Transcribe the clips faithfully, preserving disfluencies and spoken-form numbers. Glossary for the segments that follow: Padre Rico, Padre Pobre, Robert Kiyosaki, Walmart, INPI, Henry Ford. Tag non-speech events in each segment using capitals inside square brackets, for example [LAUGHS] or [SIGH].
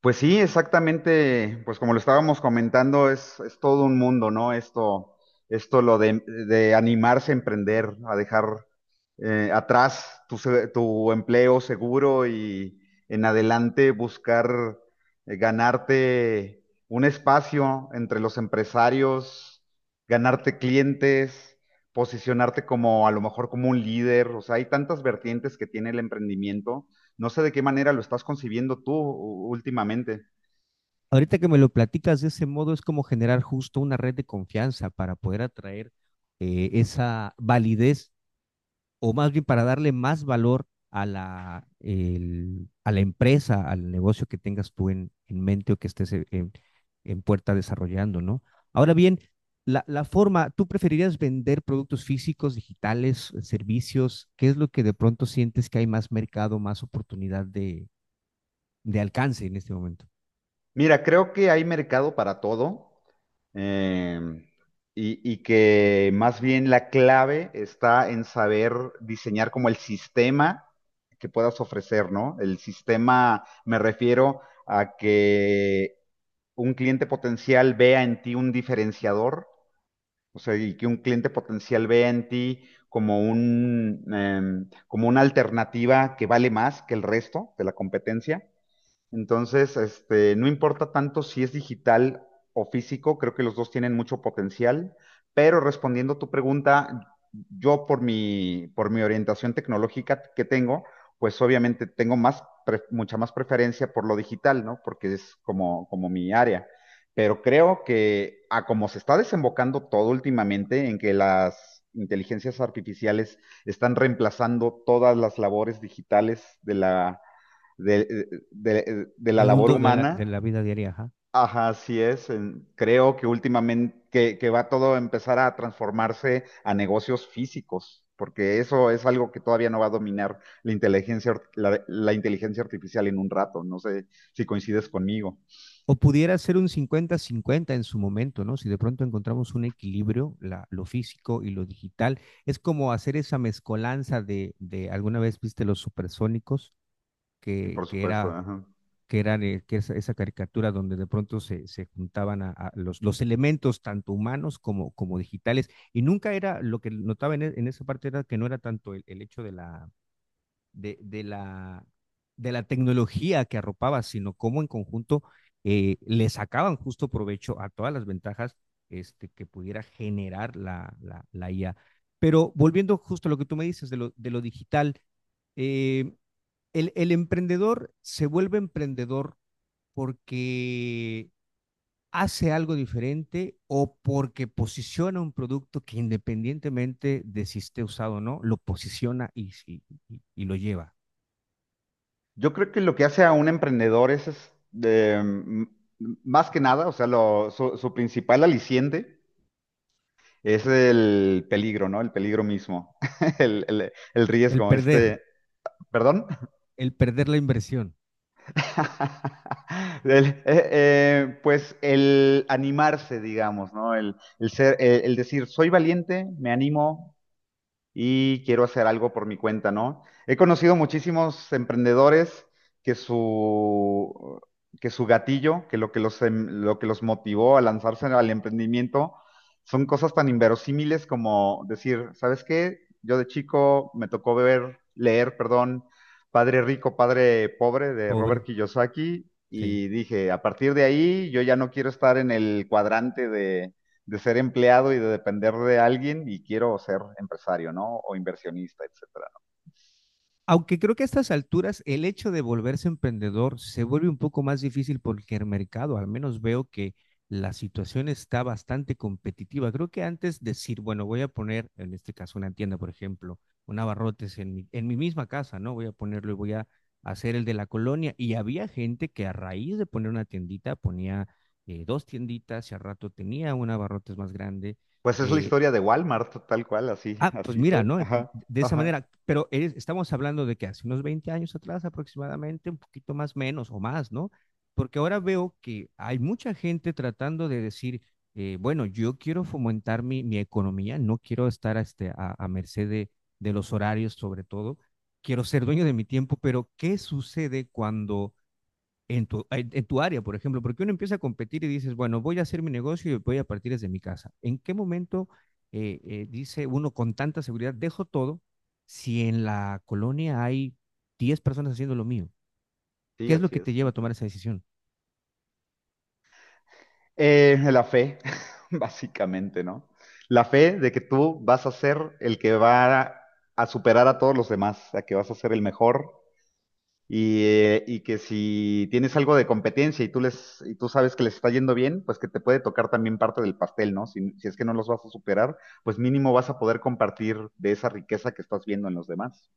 Pues sí, exactamente, pues como lo estábamos comentando, es, es todo un mundo, ¿no? Esto, esto lo de, de animarse a emprender, a dejar eh, atrás tu, se- tu empleo seguro y en adelante buscar eh, ganarte un espacio entre los empresarios, ganarte clientes, posicionarte como a lo mejor como un líder, o sea, hay tantas vertientes que tiene el emprendimiento. No sé de qué manera lo estás concibiendo tú u- últimamente. Ahorita que me lo platicas de ese modo, es como generar justo una red de confianza para poder atraer eh, esa validez, o más bien para darle más valor a la, el- a la empresa, al negocio que tengas tú en, en mente o que estés eh, en, en puerta desarrollando, ¿no? Ahora bien, la, la forma, ¿tú preferirías vender productos físicos, digitales, servicios? ¿Qué es lo que de pronto sientes que hay más mercado, más oportunidad de, de alcance en este momento? Mira, creo que hay mercado para todo, eh, y, y que más bien la clave está en saber diseñar como el sistema que puedas ofrecer, ¿no? El sistema, me refiero a que un cliente potencial vea en ti un diferenciador. O sea, y que un cliente potencial ve en ti como un, em, como una alternativa que vale más que el resto de la competencia. Entonces, este, no importa tanto si es digital o físico, creo que los dos tienen mucho potencial, pero respondiendo a tu pregunta, yo por mi, por mi orientación tecnológica que tengo, pues obviamente tengo más, pre- mucha más preferencia por lo digital, ¿no? Porque es como, como mi área. Pero creo que a como se está desembocando todo últimamente en que las inteligencias artificiales están reemplazando todas las labores digitales de la de, de- de la Del labor mundo de la, de humana. la vida diaria, ajá. Ajá, así es. En- creo que últimamente que, que va todo a empezar a transformarse a negocios físicos, porque eso es algo que todavía no va a dominar la inteligencia, ar- la, la inteligencia artificial en un rato. No sé si coincides conmigo. O pudiera ser un cincuenta-cincuenta en su momento, ¿no? Si de pronto encontramos un equilibrio, la, lo físico y lo digital, es como hacer esa mezcolanza de, de alguna vez viste los supersónicos, Sí, que, por que supuesto, era ajá. que eran eh, que esa, esa caricatura donde de pronto se, se juntaban a, a los, los elementos tanto humanos como, como digitales. Y nunca era, lo que notaba en, e- en esa parte era que no era tanto el, el hecho de la, de, de la, de la tecnología que arropaba, sino cómo en conjunto eh, le sacaban justo provecho a todas las ventajas este, que pudiera generar la, la, la, I A. Pero volviendo justo a lo que tú me dices de lo, de lo digital, eh, el, el emprendedor se vuelve emprendedor porque hace algo diferente o porque posiciona un producto que, independientemente de si esté usado o no, lo posiciona y, y, y lo lleva. Yo creo que lo que hace a un emprendedor es, es, de, mm, más que nada, o sea, lo- su, su principal aliciente es el peligro, ¿no? El peligro mismo, [LAUGHS] el, el- el El riesgo, perder, este, ¿perdón? el perder la inversión, [LAUGHS] El- eh, eh, pues el animarse, digamos, ¿no? El, el ser, el, el decir, soy valiente, me animo, y quiero hacer algo por mi cuenta, ¿no? He conocido muchísimos emprendedores que su, que su gatillo, que lo que los, em- lo que los motivó a lanzarse al emprendimiento, son cosas tan inverosímiles como decir, ¿sabes qué? Yo de chico me tocó ver, leer, perdón, Padre Rico, Padre Pobre de Robert pobre, Kiyosaki. sí. Y dije, a partir de ahí, yo ya no quiero estar en el cuadrante de de ser empleado y de depender de alguien y quiero ser empresario, ¿no? O inversionista, etcétera. Aunque creo que a estas alturas el hecho de volverse emprendedor se vuelve un poco más difícil porque el mercado, al menos veo que la situación está bastante competitiva. Creo que antes decir, bueno, voy a poner, en este caso una tienda, por ejemplo, un abarrotes en mi, en mi misma casa, ¿no? Voy a ponerlo y voy a hacer el de la colonia. Y había gente que, a raíz de poner una tiendita, ponía eh, dos tienditas y al rato tenía un abarrotes más grande. Pues es la Eh, historia de Walmart, tal cual, así, Ah, pues así mira, fue. ¿no? Ent- Ajá, De esa ajá. manera, pero eres- estamos hablando de que hace unos veinte años atrás aproximadamente, un poquito más menos o más, ¿no? Porque ahora veo que hay mucha gente tratando de decir, eh, bueno, yo quiero fomentar mi, mi economía, no quiero estar a, este, a, a merced de, de los horarios sobre todo, quiero ser dueño de mi tiempo, pero ¿qué sucede cuando en tu, en tu área, por ejemplo, porque uno empieza a competir y dices, bueno, voy a hacer mi negocio y voy a partir desde mi casa? ¿En qué momento eh, eh, dice uno con tanta seguridad, dejo todo si en la colonia hay diez personas haciendo lo mío? Sí, ¿Qué es lo así que te es. lleva a tomar esa decisión? Eh, la fe, [LAUGHS] básicamente, ¿no? La fe de que tú vas a ser el que va a, a superar a todos los demás, a que vas a ser el mejor. Y, eh, y que si tienes algo de competencia y tú les, y tú sabes que les está yendo bien, pues que te puede tocar también parte del pastel, ¿no? Si, si es que no los vas a superar, pues mínimo vas a poder compartir de esa riqueza que estás viendo en los demás.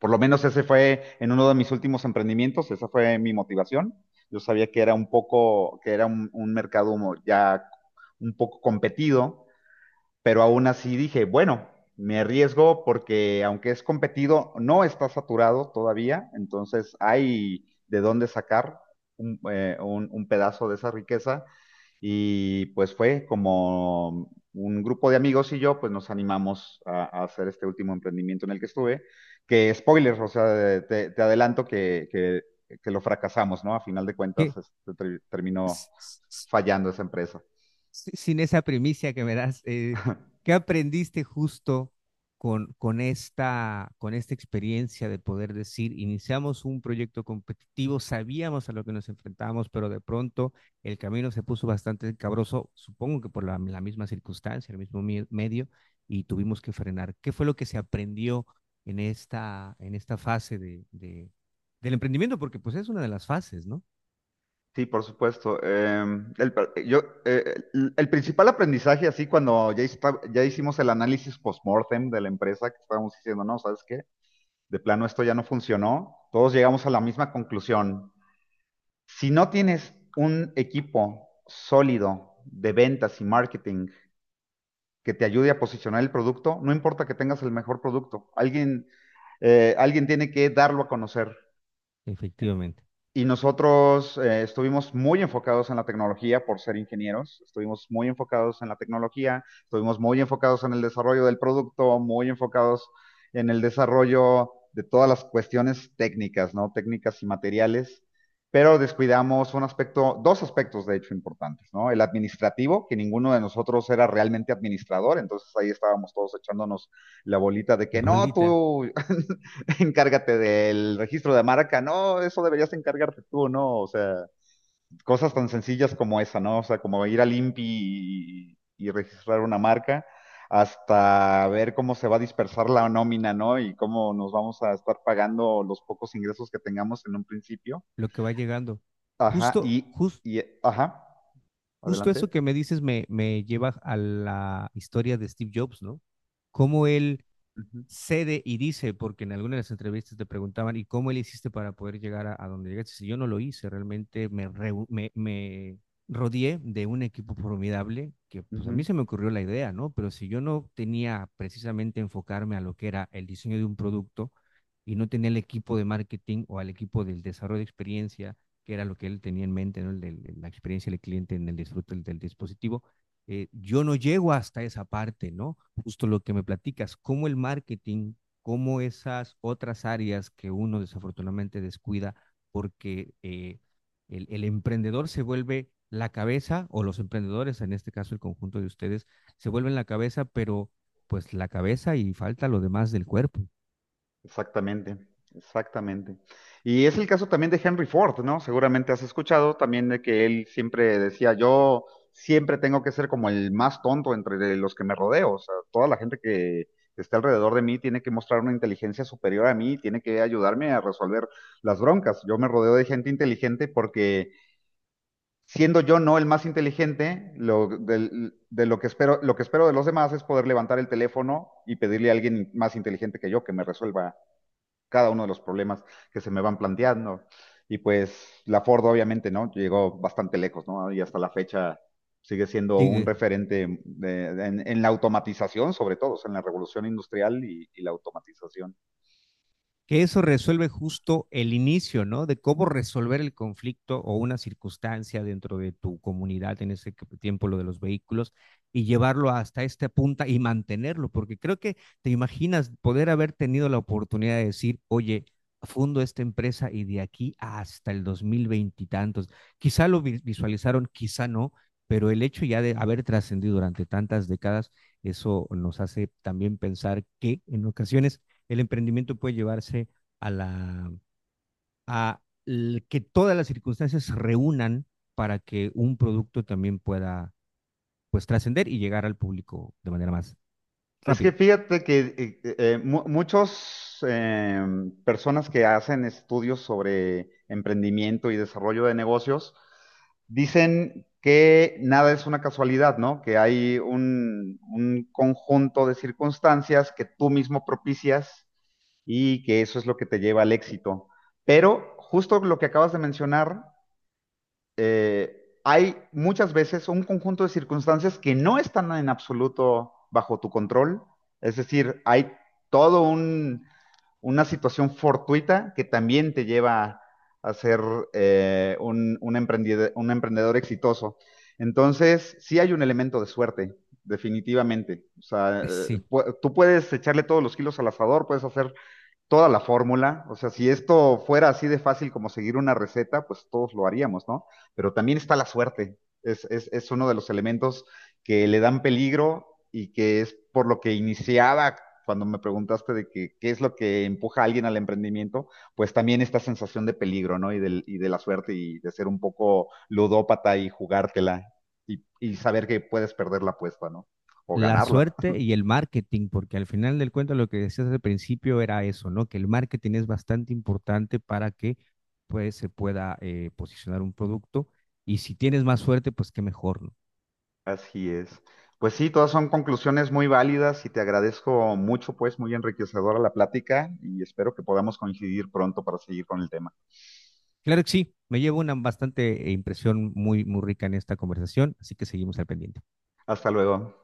Por lo menos ese fue en uno de mis últimos emprendimientos, esa fue mi motivación. Yo sabía que era un poco, que era un, un mercado ya un poco competido, pero aún así dije, bueno, me arriesgo porque aunque es competido, no está saturado todavía, entonces hay de dónde sacar un, eh, un- un pedazo de esa riqueza, y pues fue como un grupo de amigos y yo, pues nos animamos a, a hacer este último emprendimiento en el que estuve, que spoilers, o sea, te, te adelanto que, que- que lo fracasamos, ¿no? A final de cuentas, ¿Qué? este, ter- terminó fallando esa empresa. Si- sin esa primicia que me das, eh, [LAUGHS] ¿qué aprendiste justo con, con esta, con esta experiencia de poder decir, iniciamos un proyecto competitivo, sabíamos a lo que nos enfrentábamos, pero de pronto el camino se puso bastante cabroso, supongo que por la, la misma circunstancia, el mismo mie- medio, y tuvimos que frenar? ¿Qué fue lo que se aprendió en esta, en esta fase de, de- del emprendimiento? Porque pues es una de las fases, ¿no? Sí, por supuesto. Em, el, pr- yo, eh, el, el principal aprendizaje, así cuando ya, hista- ya hicimos el análisis post-mortem de la empresa, que estábamos diciendo, no, ¿sabes qué? De plano esto ya no funcionó, todos llegamos a la misma conclusión. Si no tienes un equipo sólido de ventas y marketing que te ayude a posicionar el producto, no importa que tengas el mejor producto, alguien, eh, alguien tiene que darlo a conocer. Efectivamente. Y nosotros eh, estuvimos muy enfocados en la tecnología por ser ingenieros, estuvimos muy enfocados en la tecnología, estuvimos muy enfocados en el desarrollo del producto, muy enfocados en el desarrollo de todas las cuestiones técnicas, ¿no? Técnicas y materiales, pero descuidamos un aspecto, dos aspectos de hecho importantes, ¿no? El administrativo, que ninguno de nosotros era realmente administrador, entonces ahí estábamos todos echándonos la bolita de que La no, bolita. tú [LAUGHS] [LAUGHS] encárgate del registro de marca, no, eso deberías encargarte tú, ¿no? O sea, cosas tan sencillas como esa, ¿no? O sea, como ir al I N P I y, y registrar una marca, hasta ver cómo se va a dispersar la nómina, ¿no? Y cómo nos vamos a estar pagando los pocos ingresos que tengamos en un principio. Lo que va llegando. Ajá, Justo, y, jus- y ajá, Justo adelante. eso que me dices me, me lleva a la historia de Steve Jobs, ¿no? Cómo él Ujú, cede y dice, porque en algunas de las entrevistas te preguntaban, ¿y cómo le hiciste para poder llegar a, a donde llegaste? Si yo no lo hice, realmente me, re, me, me rodeé de un equipo formidable, que pues a mí ujú. se me ocurrió la idea, ¿no? Pero si yo no tenía precisamente enfocarme a lo que era el diseño de un producto y no tenía el equipo de marketing o al equipo del desarrollo de experiencia, que era lo que él tenía en mente, ¿no? El de, la experiencia del cliente en el disfrute del, del dispositivo, eh, yo no llego hasta esa parte, ¿no? Justo lo que me platicas, cómo el marketing, cómo esas otras áreas que uno desafortunadamente descuida porque eh, el, el emprendedor se vuelve la cabeza, o los emprendedores, en este caso el conjunto de ustedes, se vuelven la cabeza, pero pues la cabeza y falta lo demás del cuerpo. Exactamente, exactamente. Y es el caso también de Henry Ford, ¿no? Seguramente has escuchado también de que él siempre decía, yo siempre tengo que ser como el más tonto entre los que me rodeo, o sea, toda la gente que está alrededor de mí tiene que mostrar una inteligencia superior a mí, tiene que ayudarme a resolver las broncas. Yo me rodeo de gente inteligente porque siendo yo no el más inteligente, lo, del- de lo que espero, lo que espero de los demás es poder levantar el teléfono y pedirle a alguien más inteligente que yo que me resuelva cada uno de los problemas que se me van planteando. Y pues la Ford obviamente, ¿no? Llegó bastante lejos, ¿no? Y hasta la fecha sigue siendo un Sigue. referente de- de, en, en la automatización, sobre todo, o sea, en la revolución industrial y, y la automatización. Que eso resuelve justo el inicio, ¿no? De cómo resolver el conflicto o una circunstancia dentro de tu comunidad, en ese tiempo lo de los vehículos, y llevarlo hasta esta punta y mantenerlo, porque creo que te imaginas poder haber tenido la oportunidad de decir, oye, fundo esta empresa y de aquí hasta el dos mil veinte y tantos. Quizá lo visualizaron, quizá no, pero el hecho ya de haber trascendido durante tantas décadas, eso nos hace también pensar que en ocasiones el emprendimiento puede llevarse a la a que todas las circunstancias se reúnan para que un producto también pueda pues trascender y llegar al público de manera más Es que rápida. fíjate que eh, eh, mu- muchos eh, personas que hacen estudios sobre emprendimiento y desarrollo de negocios dicen que nada es una casualidad, ¿no? Que hay un, un conjunto de circunstancias que tú mismo propicias y que eso es lo que te lleva al éxito. Pero justo lo que acabas de mencionar, eh, hay muchas veces un conjunto de circunstancias que no están en absoluto bajo tu control. Es decir, hay todo un, una situación fortuita que también te lleva a ser eh, un, un, emprendedor, un emprendedor exitoso. Entonces, sí hay un elemento de suerte, definitivamente. O sea, eh, Sí, pu- tú puedes echarle todos los kilos al asador, puedes hacer toda la fórmula. O sea, si esto fuera así de fácil como seguir una receta, pues todos lo haríamos, ¿no? Pero también está la suerte. Es, es, es uno de los elementos que le dan peligro y que es por lo que iniciaba cuando me preguntaste de que, qué es lo que empuja a alguien al emprendimiento, pues también esta sensación de peligro, ¿no? Y, del, y de la suerte y de ser un poco ludópata y jugártela y, y saber que puedes perder la apuesta, ¿no? O la ganarla. suerte y el marketing, porque al final del cuento lo que decías al principio era eso, ¿no? Que el marketing es bastante importante para que pues se pueda eh, posicionar un producto, y si tienes más suerte, pues qué mejor, ¿no? Así es. Pues sí, todas son conclusiones muy válidas y te agradezco mucho, pues muy enriquecedora la plática y espero que podamos coincidir pronto para seguir con el tema. Claro que sí, me llevo una bastante eh, impresión muy, muy rica en esta conversación, así que seguimos al pendiente. Hasta luego.